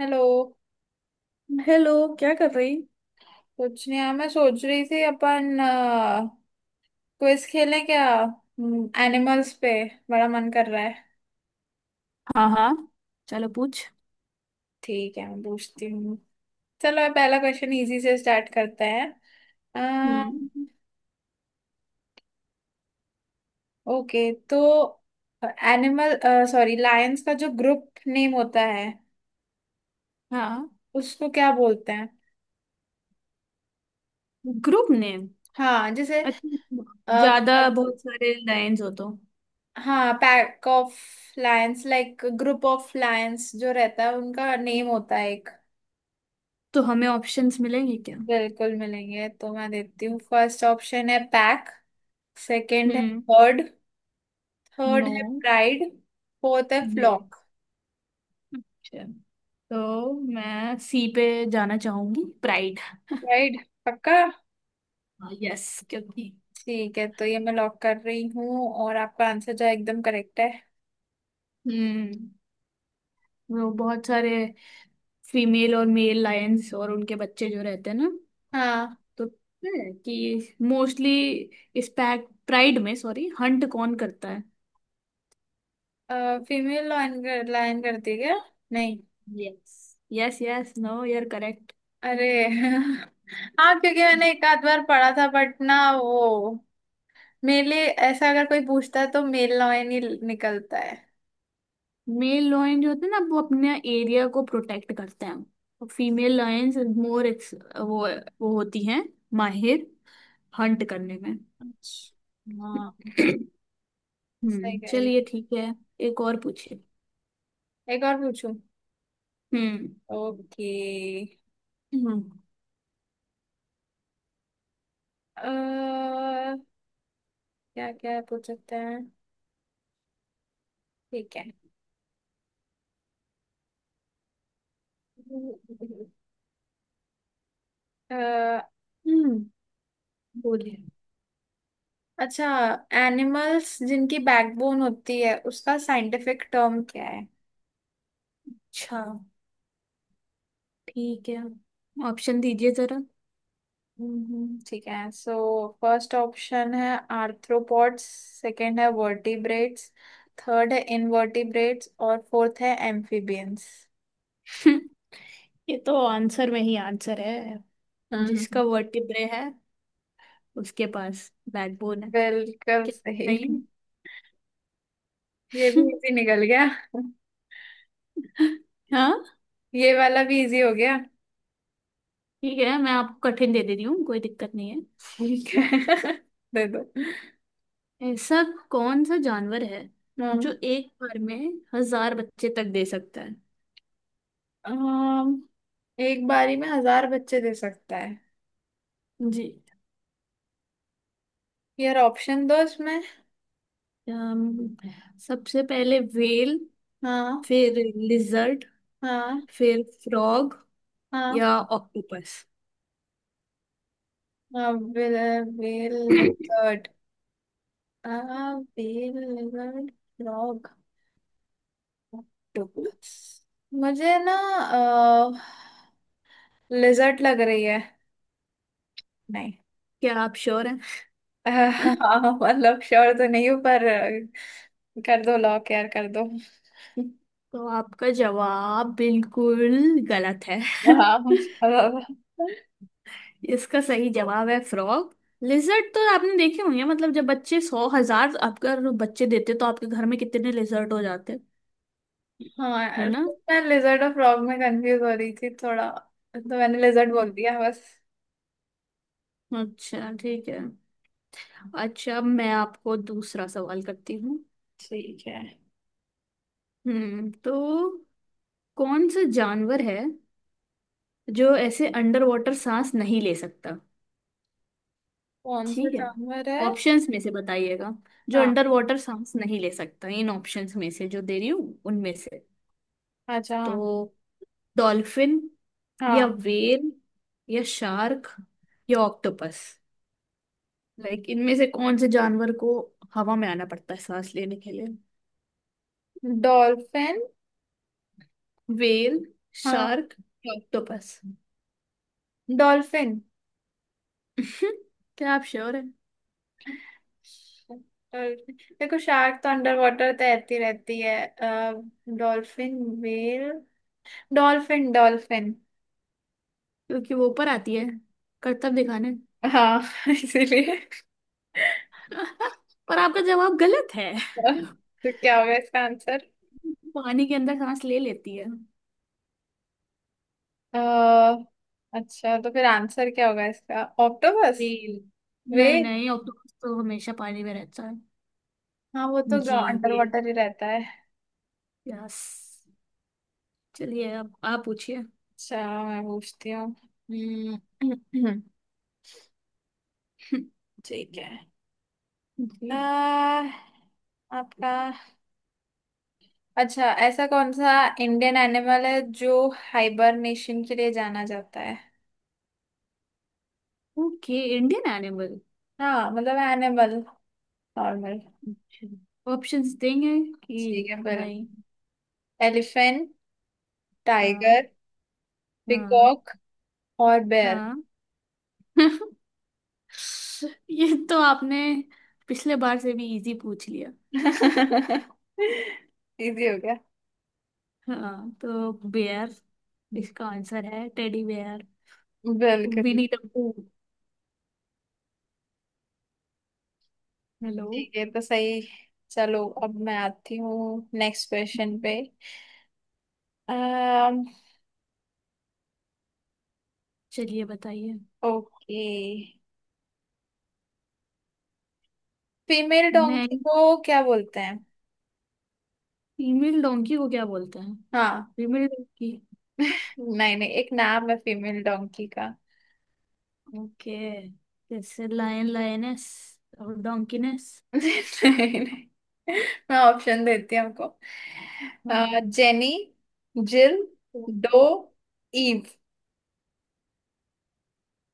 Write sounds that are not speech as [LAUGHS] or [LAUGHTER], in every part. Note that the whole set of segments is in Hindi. हेलो। हेलो। क्या कर रही। कुछ नहीं यार, मैं सोच रही थी अपन क्विज खेलें क्या, एनिमल्स पे। बड़ा मन कर रहा है। हाँ, हाँ, चलो पूछ। ठीक है, मैं पूछती हूँ। चलो, ये पहला क्वेश्चन इजी से स्टार्ट करते हैं। हम्म। ओके तो एनिमल सॉरी लायंस का जो ग्रुप नेम होता है हाँ। उसको क्या बोलते हैं? Group name. हाँ जैसे अच्छा। अ, ज्यादा बहुत सारे लाइंस हो तो। हाँ pack of lions, like group of lions जो रहता है उनका नेम होता है एक। तो हमें ऑप्शंस मिलेंगे क्या? बिल्कुल मिलेंगे, तो मैं देती हूँ। फर्स्ट ऑप्शन है पैक। सेकंड है हम्म। बर्ड। Third no. है प्राइड। फोर्थ है ये। फ्लॉक। अच्छा। तो मैं सी पे जाना चाहूंगी, प्राइड। राइट। पक्का? यस। क्योंकि। ठीक है, तो ये मैं लॉक कर रही हूँ और आपका आंसर जो है एकदम करेक्ट है। हम्म। वो बहुत सारे फीमेल और मेल लायंस और उनके बच्चे जो रहते हैं ना, हाँ। तो पता है कि मोस्टली इस पैक प्राइड में, सॉरी, हंट कौन करता है। फीमेल लाइन करती है क्या? नहीं। यस, यस, यस, नो यार, करेक्ट। अरे [LAUGHS] हाँ, क्योंकि मैंने एक आध बार पढ़ा था बट ना वो मेरे लिए ऐसा, अगर कोई पूछता है तो मेल लाइन ही निकलता है। मेल लॉयन जो होते हैं ना वो अपने एरिया को प्रोटेक्ट करते हैं। और फीमेल लॉयंस मोर वो वो होती हैं माहिर हंट करने में। अच्छा। हाँ, सही हम्म, कह रही। चलिए ठीक है। एक और पूछिए। एक और पूछूं? हम्म। ओके। हम्म क्या क्या पूछ सकते हैं? ठीक है अ, हम्म बोलिए। अच्छा, एनिमल्स जिनकी बैकबोन होती है उसका साइंटिफिक टर्म क्या है? अच्छा ठीक है। ऑप्शन दीजिए जरा। ठीक है सो, फर्स्ट ऑप्शन है आर्थ्रोपॉड्स। सेकंड है वर्टिब्रेट्स। थर्ड है इनवर्टिब्रेट्स और फोर्थ है एम्फीबियंस। [LAUGHS] ये तो आंसर में ही आंसर है। हम्म। जिसका वर्टिब्रे है, उसके पास बैकबोन है। बिल्कुल क्या सही। सही ये है? भी इजी निकल गया। [LAUGHS] हाँ, ये वाला भी इजी हो गया। ठीक है, मैं आपको कठिन दे दे रही हूँ, कोई दिक्कत नहीं। ठीक है [LAUGHS] दे दो। है ऐसा। कौन सा जानवर है जो हम्म एक बार में 1,000 बच्चे तक दे सकता है? अम, एक बारी में 1,000 बच्चे दे सकता है? जी। यार ऑप्शन दो इसमें। अम, सबसे पहले व्हेल, हाँ फिर लिजर्ड, हाँ फिर फ्रॉग, हाँ। या ऑक्टोपस। बेल बेल क्या लेपर्ड। आ बेल लेपर्ड फ्रॉग ऑक्टोपस। मुझे ना लिजर्ट लग रही है, नहीं। आप श्योर हैं? [LAUGHS] [LAUGHS] मतलब श्योर तो नहीं हूँ पर, कर दो लॉक यार, कर दो। [LAUGHS] तो आपका जवाब बिल्कुल गलत है। [LAUGHS] हाँ, बहुत ज्यादा। इसका सही जवाब है फ्रॉग। लिजर्ट तो आपने देखे होंगे, मतलब जब बच्चे 1,00,000 अगर बच्चे देते तो आपके घर में कितने लिजर्ट हो जाते। हाँ है यार, ना? मैं लेजर्ड और फ्रॉग में कंफ्यूज हो रही थी थोड़ा, तो मैंने लेजर्ड हम्म। बोल दिया बस। अच्छा ठीक है। अच्छा, अब मैं आपको दूसरा सवाल करती हूँ। ठीक है। तो कौन सा जानवर है जो ऐसे अंडर वाटर सांस नहीं ले सकता? कौन सा ठीक है, जानवर है? ऑप्शंस में से बताइएगा। जो हाँ, अंडर वाटर सांस नहीं ले सकता, इन ऑप्शंस में से जो दे रही हूँ उनमें से। अच्छा। तो हाँ, डॉल्फिन, या हाँ व्हेल, या शार्क, या ऑक्टोपस। लाइक इनमें से कौन से जानवर को हवा में आना पड़ता है सांस लेने के लिए? डॉल्फिन। व्हेल, हाँ शार्क या ऑक्टोपस। डॉल्फिन [LAUGHS] क्या आप श्योर हैं? डॉल्फिन। देखो शार्क तो अंडर वाटर तैरती रहती है, डॉल्फिन व्हेल डॉल्फिन डॉल्फिन। क्योंकि वो ऊपर आती है करतब दिखाने। हाँ [LAUGHS] इसीलिए। [LAUGHS] पर आपका जवाब गलत है। तो क्या होगा इसका आंसर? [LAUGHS] पानी के अंदर सांस ले लेती है। अ, अच्छा, तो फिर आंसर क्या होगा इसका, ऑक्टोपस? व्हेल। वे। नहीं, नहीं, ऑक्टोपस तो हमेशा पानी में रहता है। हाँ वो तो जी, अंडर व्हेल। वाटर ही रहता है। यस। चलिए अब आप पूछिए। अच्छा, मैं पूछती हूँ। हम्म, [LAUGHS] [CLEARS THROAT] ठीक है। जी। अ, आपका अच्छा, ऐसा कौन सा इंडियन एनिमल है जो हाइबरनेशन के लिए जाना जाता है? Okay Indian animal. हाँ मतलब एनिमल, नॉर्मल। ऑप्शंस देंगे कि ठीक है फिर। नहीं? एलिफेंट, टाइगर, हाँ, हाँ, पिकॉक और बेयर। हाँ। [LAUGHS] ये तो आपने पिछले बार से भी इजी पूछ लिया। [LAUGHS] [LAUGHS] इजी हो गया। हाँ, तो बेयर। इसका आंसर है टेडी बेयर। बिल्कुल। विनी टप्पू। हेलो। ठीक है तो, सही। चलो, अब मैं आती हूँ नेक्स्ट क्वेश्चन पे। अम चलिए बताइए। ओके। फीमेल मैं डोंकी को क्या बोलते हैं? फीमेल डोंकी को क्या बोलते हैं? हाँ। Female donkey. नहीं नहीं, एक नाम है फीमेल डोंकी का। ओके। जैसे लायन, लायनेस, और डोंकीनेस। [LAUGHS] नहीं नहीं, मैं ऑप्शन देती हूँ आपको। हाँ, जेनी, जिल, तो डो, ईव।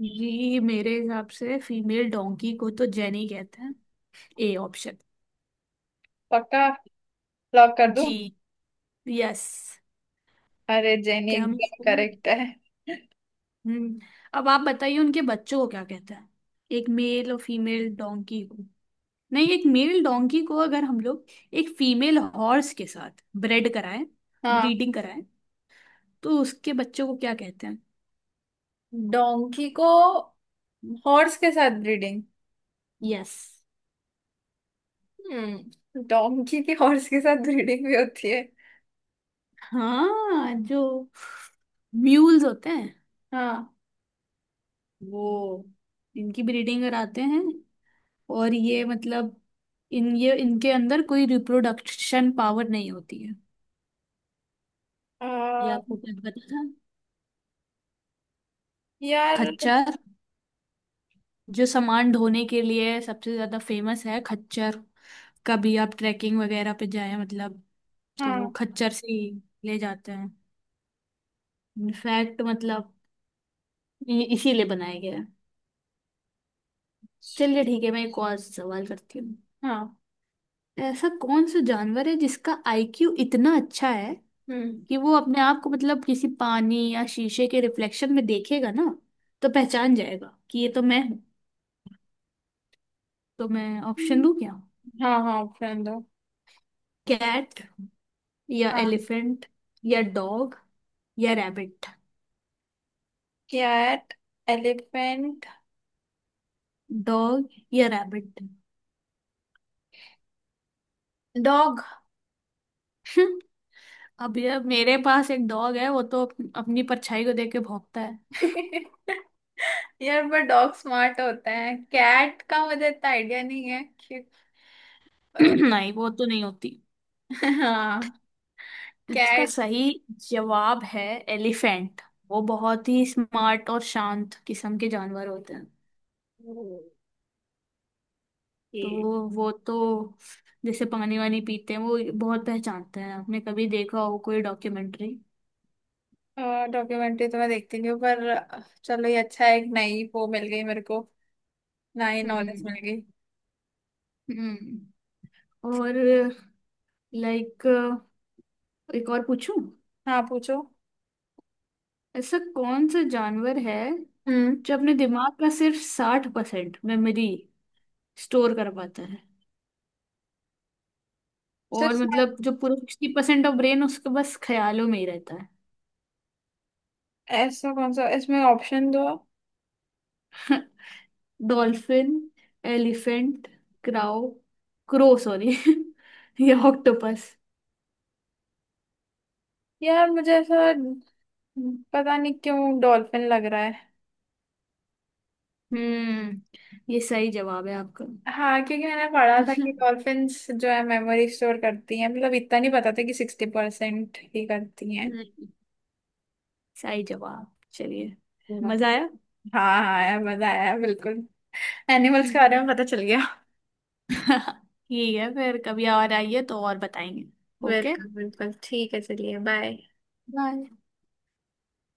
जी मेरे हिसाब से फीमेल डोंकी को तो जेनी कहते हैं। A option. पक्का? लॉक कर दूं? जी। यस। अरे जेनी क्या मैं एकदम सही हूँ? करेक्ट है। हम्म। अब आप बताइए उनके बच्चों को क्या कहते हैं। एक मेल और फीमेल डोंकी को। नहीं, एक मेल डोंकी को अगर हम लोग एक फीमेल हॉर्स के साथ ब्रेड कराएं, हाँ। ब्रीडिंग कराएं, तो उसके बच्चों को क्या कहते हैं? डोंकी को हॉर्स के साथ ब्रीडिंग? यस। डोंकी की हॉर्स के साथ ब्रीडिंग भी होती है? हाँ, जो म्यूल्स होते हैं हाँ वो इनकी ब्रीडिंग कराते हैं। और ये मतलब इन ये इनके अंदर कोई रिप्रोडक्शन पावर नहीं होती है। अ, ये आपको कुछ पता था? यार। खच्चर, जो सामान ढोने के लिए सबसे ज्यादा फेमस है, खच्चर। कभी आप ट्रैकिंग वगैरह पे जाए मतलब, तो वो हाँ खच्चर से ही ले जाते हैं। इनफैक्ट मतलब ये इसीलिए बनाया गया है। चलिए ठीक है, मैं एक और सवाल करती हूँ। हाँ, ऐसा कौन सा जानवर है जिसका आईक्यू इतना अच्छा है हम्म कि वो अपने आप को, मतलब किसी पानी या शीशे के रिफ्लेक्शन में देखेगा ना, तो पहचान जाएगा कि ये तो मैं हूँ? तो मैं ऑप्शन हम्म, दूं क्या? हाँ हाँ ऑप्शन दो। कैट, या हाँ। एलिफेंट, या डॉग, या रैबिट। कैट, एलिफेंट, डॉग या रैबिट। डॉग। [LAUGHS] अब यार मेरे पास एक डॉग है, वो तो अपनी परछाई को देख के भौंकता है। [LAUGHS] यार पर डॉग स्मार्ट होता है, कैट का मुझे इतना आइडिया नहीं है कि [LAUGHS] [CLEARS THROAT] अ, नहीं, वो तो नहीं होती। हाँ इसका कैट। सही जवाब है एलिफेंट। वो बहुत ही स्मार्ट और शांत किस्म के जानवर होते हैं। तो वो तो जैसे पानी वानी पीते हैं वो बहुत पहचानते हैं, आपने कभी देखा हो कोई डॉक्यूमेंट्री। डॉक्यूमेंट्री तो मैं देखती नहीं हूँ पर, चलो ये अच्छा है, एक नई वो मिल गई मेरे को। नई नॉलेज हम्म। मिल गई। हम्म। और लाइक एक और पूछूं? हाँ पूछो। ऐसा कौन सा जानवर है हम्म जो अपने दिमाग का सिर्फ 60% मेमोरी स्टोर कर पाता है, और सिर्फ, मतलब जो पूरा 60% ऑफ ब्रेन उसके बस ख्यालों में ही रहता है? ऐसा कौन सा, इसमें ऑप्शन दो। [LAUGHS] Dolphin, elephant, crow, crow sorry, [LAUGHS] या ऑक्टोपस। यार मुझे ऐसा पता नहीं क्यों डॉल्फिन लग रहा है। हम्म। ये सही जवाब है आपका। हाँ, क्योंकि मैंने पढ़ा [LAUGHS] था कि हम्म, डॉल्फिन्स जो है मेमोरी स्टोर करती हैं, मतलब इतना नहीं पता था कि 60% ही करती हैं। सही जवाब, चलिए। वाह। मजा आया। हाँ हाँ यार, मजा आया बिल्कुल। एनिमल्स के बारे में हम्म। पता चल गया। [LAUGHS] ठीक है, फिर कभी और आइए तो और बताएंगे। ओके। बिल्कुल बिल्कुल, ठीक है, चलिए बाय। बाय।